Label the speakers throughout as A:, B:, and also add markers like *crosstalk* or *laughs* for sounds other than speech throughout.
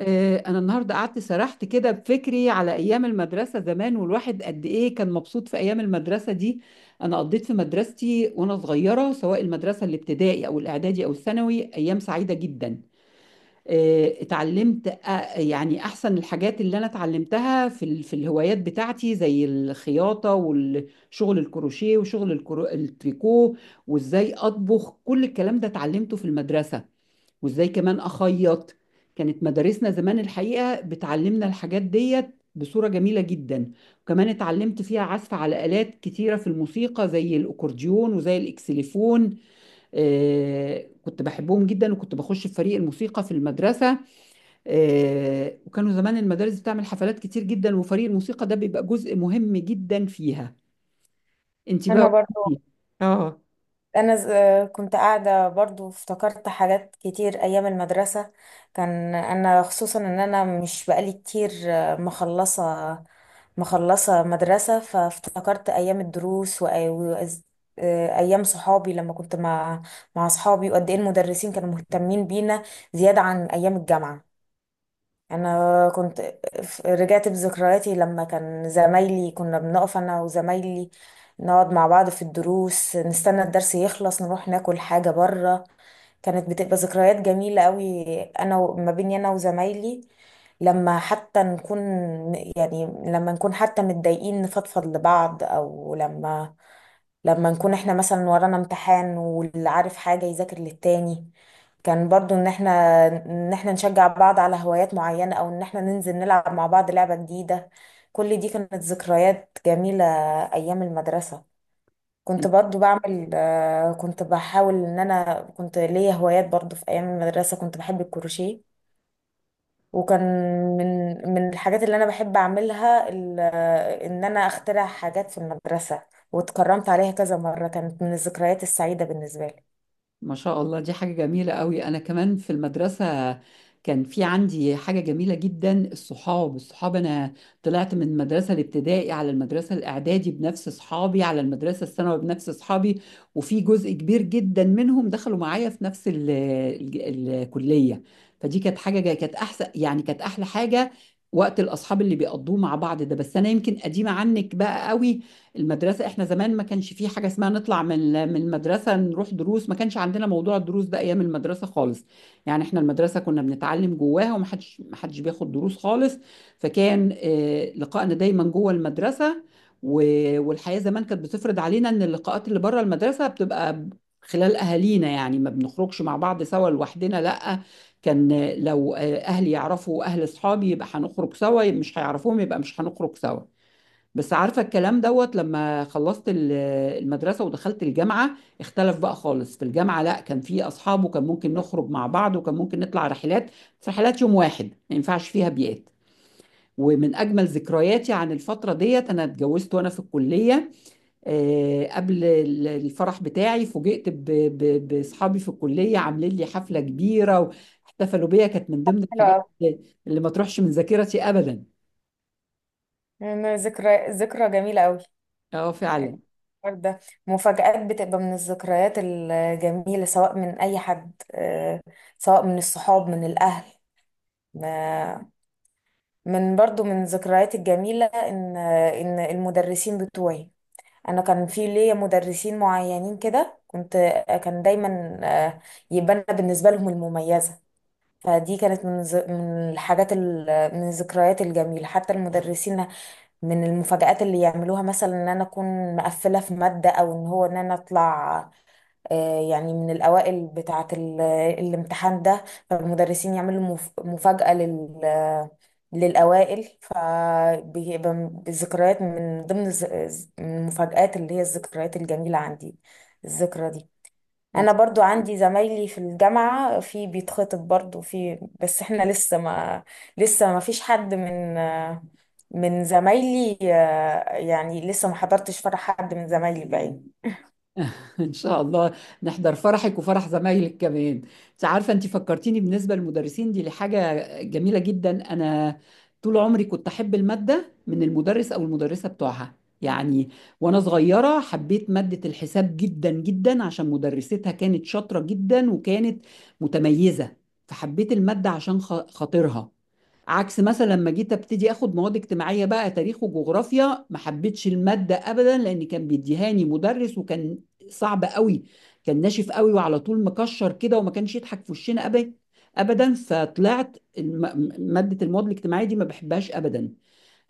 A: أنا النهاردة قعدت سرحت كده بفكري على أيام المدرسة زمان، والواحد قد إيه كان مبسوط في أيام المدرسة دي. أنا قضيت في مدرستي وأنا صغيرة، سواء المدرسة الابتدائي أو الإعدادي أو الثانوي، أيام سعيدة جدا. اتعلمت يعني أحسن الحاجات اللي أنا اتعلمتها في الهوايات بتاعتي زي الخياطة والشغل الكروشيه وشغل التريكو. وإزاي أطبخ، كل الكلام ده اتعلمته في المدرسة. وازاي كمان اخيط. كانت مدارسنا زمان الحقيقة بتعلمنا الحاجات ديت بصورة جميلة جدا. وكمان اتعلمت فيها عزف على آلات كتيرة في الموسيقى، زي الأكورديون وزي الإكسليفون. كنت بحبهم جدا، وكنت بخش في فريق الموسيقى في المدرسة. وكانوا زمان المدارس بتعمل حفلات كتير جدا، وفريق الموسيقى ده بيبقى جزء مهم جدا فيها. انت بقى.
B: انا برضو.
A: قولي- اه.
B: انا كنت قاعده برضو، افتكرت حاجات كتير ايام المدرسه. كان انا خصوصا ان انا مش بقالي كتير، مخلصه مدرسه، فافتكرت ايام الدروس وايام صحابي، لما كنت مع صحابي، وقد ايه المدرسين كانوا مهتمين بينا زياده عن ايام الجامعه. انا كنت رجعت بذكرياتي لما كان زمايلي كنا بنقف انا وزمايلي، نقعد مع بعض في الدروس، نستنى الدرس يخلص نروح ناكل حاجة بره. كانت بتبقى ذكريات جميلة قوي ما بيني انا وزمايلي، لما حتى نكون يعني لما نكون حتى متضايقين نفضفض لبعض، او لما نكون احنا مثلا ورانا امتحان، واللي عارف حاجة يذاكر للتاني. كان برضو ان احنا نشجع بعض على هوايات معينة، او ان احنا ننزل نلعب مع بعض لعبة جديدة. كل دي كانت ذكريات جميلة ايام المدرسة. كنت برضو بعمل آه، كنت بحاول، ان انا كنت ليا هوايات برضو في ايام المدرسة. كنت بحب الكروشيه، وكان من الحاجات اللي انا بحب اعملها، ان انا اخترع حاجات في المدرسة، واتكرمت عليها كذا مرة. كانت من الذكريات السعيدة بالنسبة لي.
A: ما شاء الله، دي حاجة جميلة قوي. أنا كمان في المدرسة كان في عندي حاجة جميلة جدا، الصحاب. أنا طلعت من المدرسة الابتدائي على المدرسة الإعدادي بنفس صحابي، على المدرسة الثانوي بنفس صحابي. وفي جزء كبير جدا منهم دخلوا معايا في نفس ال الكلية. فدي كانت كانت أحسن، يعني كانت أحلى حاجة. وقت الأصحاب اللي بيقضوه مع بعض ده. بس أنا يمكن قديمة عنك بقى قوي. المدرسة احنا زمان ما كانش في حاجة اسمها نطلع من المدرسة نروح دروس، ما كانش عندنا موضوع الدروس ده ايام المدرسة خالص. يعني احنا المدرسة كنا بنتعلم جواها، ومحدش محدش بياخد دروس خالص. فكان لقائنا دايما جوه المدرسة. والحياة زمان كانت بتفرض علينا ان اللقاءات اللي بره المدرسة بتبقى خلال اهالينا. يعني ما بنخرجش مع بعض سوا لوحدنا، لا. كان لو اهلي يعرفوا اهل اصحابي يبقى هنخرج سوا، مش هيعرفوهم يبقى مش هنخرج سوا. بس عارفة الكلام دوت، لما خلصت المدرسة ودخلت الجامعة، اختلف بقى خالص. في الجامعة، لا، كان في أصحاب، وكان ممكن نخرج مع بعض، وكان ممكن نطلع رحلات. بس رحلات يوم واحد، ما ينفعش فيها بيئات. ومن أجمل ذكرياتي عن الفترة ديت، أنا اتجوزت وأنا في الكلية. قبل الفرح بتاعي فوجئت بأصحابي في الكلية عاملين لي حفلة كبيرة، واحتفلوا بيا. كانت من ضمن
B: حلو
A: الحاجات
B: قوي.
A: اللي اللي ما تروحش من ذاكرتي أبدا.
B: أنا ذكرى جميلة قوي
A: اه فعلا.
B: الحوار ده. مفاجآت بتبقى من الذكريات الجميلة، سواء من أي حد، سواء من الصحاب، من الأهل. ما- من برضو من الذكريات الجميلة، إن المدرسين بتوعي. انا كان في ليا مدرسين معينين كده، كنت آه، كان دايما، يبقى انا بالنسبه لهم المميزه. فدي كانت من الحاجات، من الذكريات الجميله، حتى المدرسين، من المفاجآت اللي يعملوها مثلا ان انا اكون مقفله في ماده، او ان انا اطلع، يعني من الأوائل بتاعة الامتحان ده. فالمدرسين يعملوا مفاجأة للأوائل، فبيبقى الذكريات من ضمن من المفاجآت اللي هي الذكريات الجميلة عندي، الذكرى دي. أنا برضو عندي زمايلي في الجامعة، في بيتخطب برضو، بس احنا لسه ما فيش حد من، من زمايلي، يعني لسه ما حضرتش فرح حد من زمايلي باين.
A: *laughs* ان شاء الله نحضر فرحك وفرح زمايلك كمان. انت عارفه، انت فكرتيني بالنسبه للمدرسين دي لحاجه جميله جدا. انا طول عمري كنت احب الماده من المدرس او المدرسه بتوعها. يعني، وانا صغيره حبيت ماده الحساب جدا جدا، عشان مدرستها كانت شاطره جدا وكانت متميزه. فحبيت الماده عشان خاطرها. عكس مثلا لما جيت ابتدي اخد مواد اجتماعيه بقى تاريخ وجغرافيا، ما حبيتش الماده ابدا، لان كان بيديهاني مدرس وكان صعب قوي. كان ناشف قوي، وعلى طول مكشر كده، وما كانش يضحك في وشنا ابدا ابدا. فطلعت ماده المواد الاجتماعيه دي ما بحبهاش ابدا.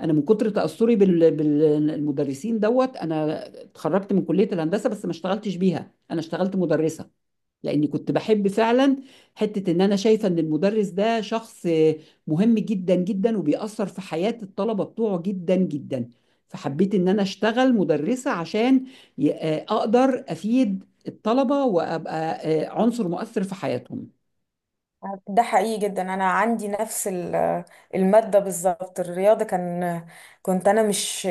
A: انا من كتر تاثري بالمدرسين دوت، انا اتخرجت من كليه الهندسه بس ما اشتغلتش بيها، انا اشتغلت مدرسه. لاني كنت بحب فعلا حته ان انا شايفه ان المدرس ده شخص مهم جدا جدا، وبيأثر في حياه الطلبه بتوعه جدا جدا. فحبيت ان انا اشتغل مدرسه عشان اقدر افيد الطلبه وابقى عنصر مؤثر في حياتهم.
B: ده حقيقي جدا. انا عندي نفس الماده بالظبط، الرياضه. كان كنت انا مش،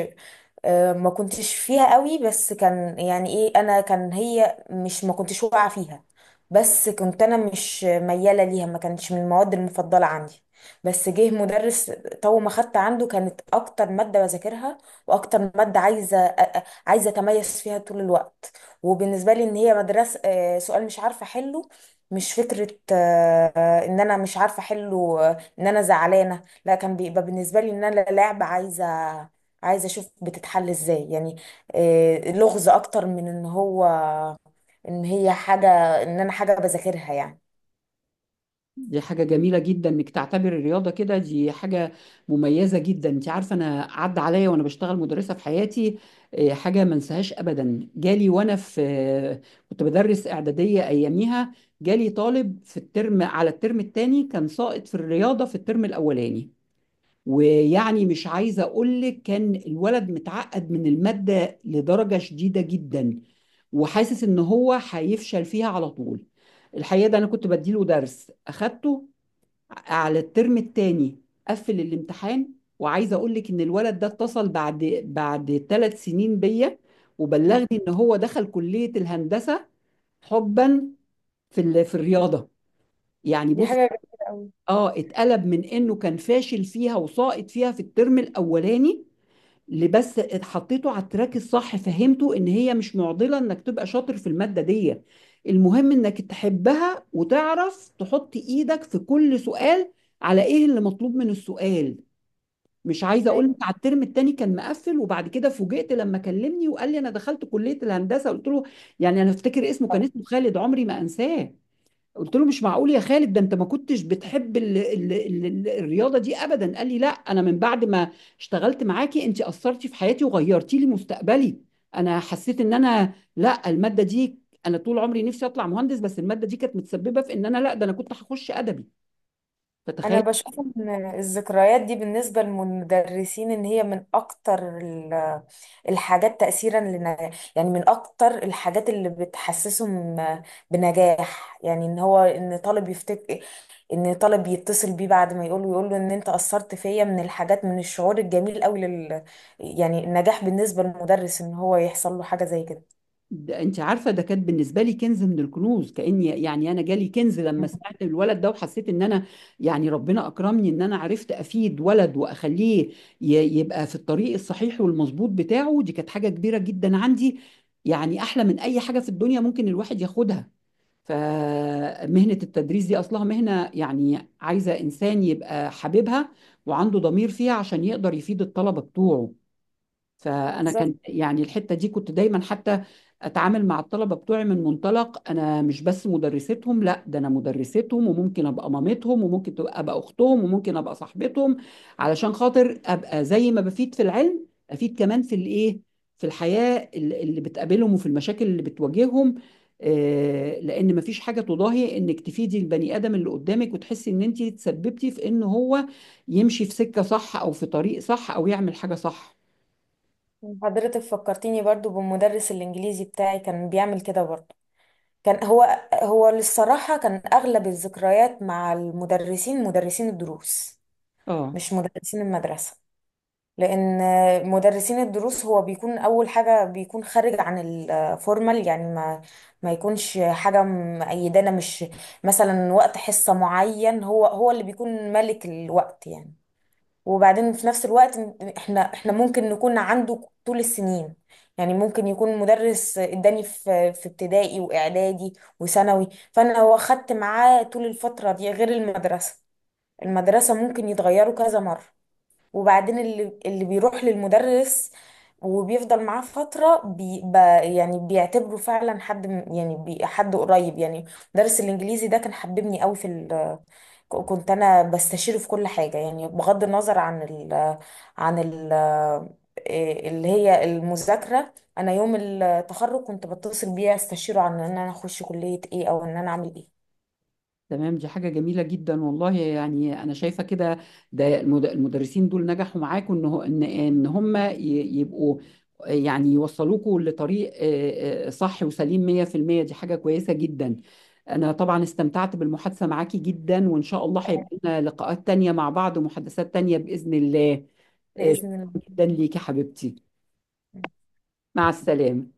B: ما كنتش فيها قوي. بس كان يعني ايه، انا كان هي مش، ما كنتش واقعه فيها، بس كنت انا مش مياله ليها، ما كانتش من المواد المفضله عندي. بس جه مدرس، طول ما خدت عنده كانت اكتر ماده بذاكرها، واكتر ماده عايزه عايزه اتميز فيها طول الوقت. وبالنسبه لي ان هي مدرسه، سؤال مش عارفه احله، مش فكره، ان انا مش عارفه احله، ان انا زعلانه، لا. كان بيبقى بالنسبه لي ان انا لعبه، عايزه اشوف بتتحل ازاي يعني. لغز اكتر من ان هي حاجه، ان انا حاجه بذاكرها يعني.
A: دي حاجة جميلة جدا انك تعتبر الرياضة كده، دي حاجة مميزة جدا. انت عارفة، انا عدى عليا وانا بشتغل مدرسة في حياتي حاجة ما انساهاش ابدا. جالي وانا في كنت بدرس اعدادية اياميها، جالي طالب في الترم على الترم الثاني كان ساقط في الرياضة في الترم الاولاني. ويعني مش عايزة اقول لك، كان الولد متعقد من المادة لدرجة شديدة جدا، وحاسس ان هو هيفشل فيها على طول. الحقيقة ده انا كنت بديله درس اخدته على الترم التاني. قفل الامتحان. وعايزه اقول لك ان الولد ده اتصل بعد 3 سنين بيا، وبلغني ان هو دخل كليه الهندسه حبا في الرياضه. يعني
B: دي
A: بص،
B: حاجه جميله قوي.
A: اه، اتقلب من انه كان فاشل فيها وساقط فيها في الترم الاولاني. اللي بس اتحطيته على التراك الصح، فهمته ان هي مش معضله انك تبقى شاطر في الماده دي، المهم انك تحبها وتعرف تحط ايدك في كل سؤال على ايه اللي مطلوب من السؤال. مش عايزه اقول لك،
B: ايوه.
A: على الترم التاني كان مقفل. وبعد كده فوجئت لما كلمني وقال لي انا دخلت كليه الهندسه. قلت له، يعني انا افتكر اسمه، كان
B: طبعاً.
A: اسمه خالد، عمري ما انساه. قلت له مش معقول يا خالد، ده انت ما كنتش بتحب ال الرياضه دي ابدا. قال لي لا، انا من بعد ما اشتغلت معاكي انت اثرتي في حياتي وغيرتي لي مستقبلي. انا حسيت ان انا، لا الماده دي، انا طول عمري نفسي اطلع مهندس، بس الماده دي كانت متسببه في ان انا، لا ده انا كنت هخش ادبي.
B: انا
A: فتخيل.
B: بشوف ان الذكريات دي بالنسبه للمدرسين ان هي من اكتر الحاجات تأثيرا لنجاح، يعني من أكتر الحاجات اللي بتحسسهم بنجاح، يعني إن هو إن طالب يتصل بيه بعد ما يقول له إن أنت أثرت فيا، من الحاجات، من الشعور الجميل أوي يعني النجاح بالنسبة للمدرس إن هو يحصل له حاجة زي كده.
A: ده انت عارفه، ده كانت بالنسبه لي كنز من الكنوز، كاني يعني انا جالي كنز لما
B: مم.
A: سمعت الولد ده. وحسيت ان انا يعني ربنا اكرمني ان انا عرفت افيد ولد واخليه يبقى في الطريق الصحيح والمظبوط بتاعه. دي كانت حاجه كبيره جدا عندي، يعني احلى من اي حاجه في الدنيا ممكن الواحد ياخدها. فمهنه التدريس دي اصلها مهنه، يعني عايزه انسان يبقى حاببها وعنده ضمير فيها عشان يقدر يفيد الطلبه بتوعه. فانا كان
B: بالظبط.
A: يعني الحته دي كنت دايما حتى اتعامل مع الطلبه بتوعي من منطلق انا مش بس مدرستهم، لا ده انا مدرستهم، وممكن ابقى مامتهم، وممكن ابقى اختهم، وممكن ابقى صاحبتهم. علشان خاطر ابقى زي ما بفيد في العلم افيد كمان في الايه، في الحياه اللي بتقابلهم وفي المشاكل اللي بتواجههم. لان مفيش حاجه تضاهي انك تفيدي البني ادم اللي قدامك، وتحسي ان انت تسببتي في ان هو يمشي في سكه صح او في طريق صح او يعمل حاجه صح.
B: حضرتك فكرتيني برضو بالمدرس الإنجليزي بتاعي، كان بيعمل كده برضو. كان هو هو للصراحة كان أغلب الذكريات مع المدرسين، مدرسين الدروس،
A: اه،
B: مش مدرسين المدرسة. لان مدرسين الدروس، هو بيكون اول حاجه بيكون خارج عن الفورمال، يعني ما يكونش حاجه مقيدانا، مش مثلا وقت حصه معين، هو اللي بيكون ملك الوقت يعني. وبعدين في نفس الوقت، احنا ممكن نكون عنده طول السنين، يعني ممكن يكون مدرس اداني في ابتدائي واعدادي وثانوي، فانا هو خدت معاه طول الفتره دي، غير المدرسه. المدرسه ممكن يتغيروا كذا مره، وبعدين اللي بيروح للمدرس وبيفضل معاه فترة يعني بيعتبره فعلا حد يعني حد قريب يعني. مدرس الإنجليزي ده كان حببني قوي كنت أنا بستشيره في كل حاجة، يعني بغض النظر عن ال عن ال إيه اللي هي المذاكرة. أنا يوم التخرج كنت بتصل بيه أستشيره عن إن أنا أخش كلية إيه أو إن أنا أعمل إيه.
A: تمام، دي حاجة جميلة جدا والله. يعني أنا شايفة كده، ده المدرسين دول نجحوا معاكم إن هم يبقوا، يعني يوصلوكوا لطريق صح وسليم 100%. دي حاجة كويسة جدا. أنا طبعا استمتعت بالمحادثة معاكي جدا، وإن شاء الله هيبقى لنا لقاءات تانية مع بعض ومحادثات تانية بإذن الله. شكرا
B: بإذن
A: جدا ليكي حبيبتي.
B: الله
A: مع السلامة.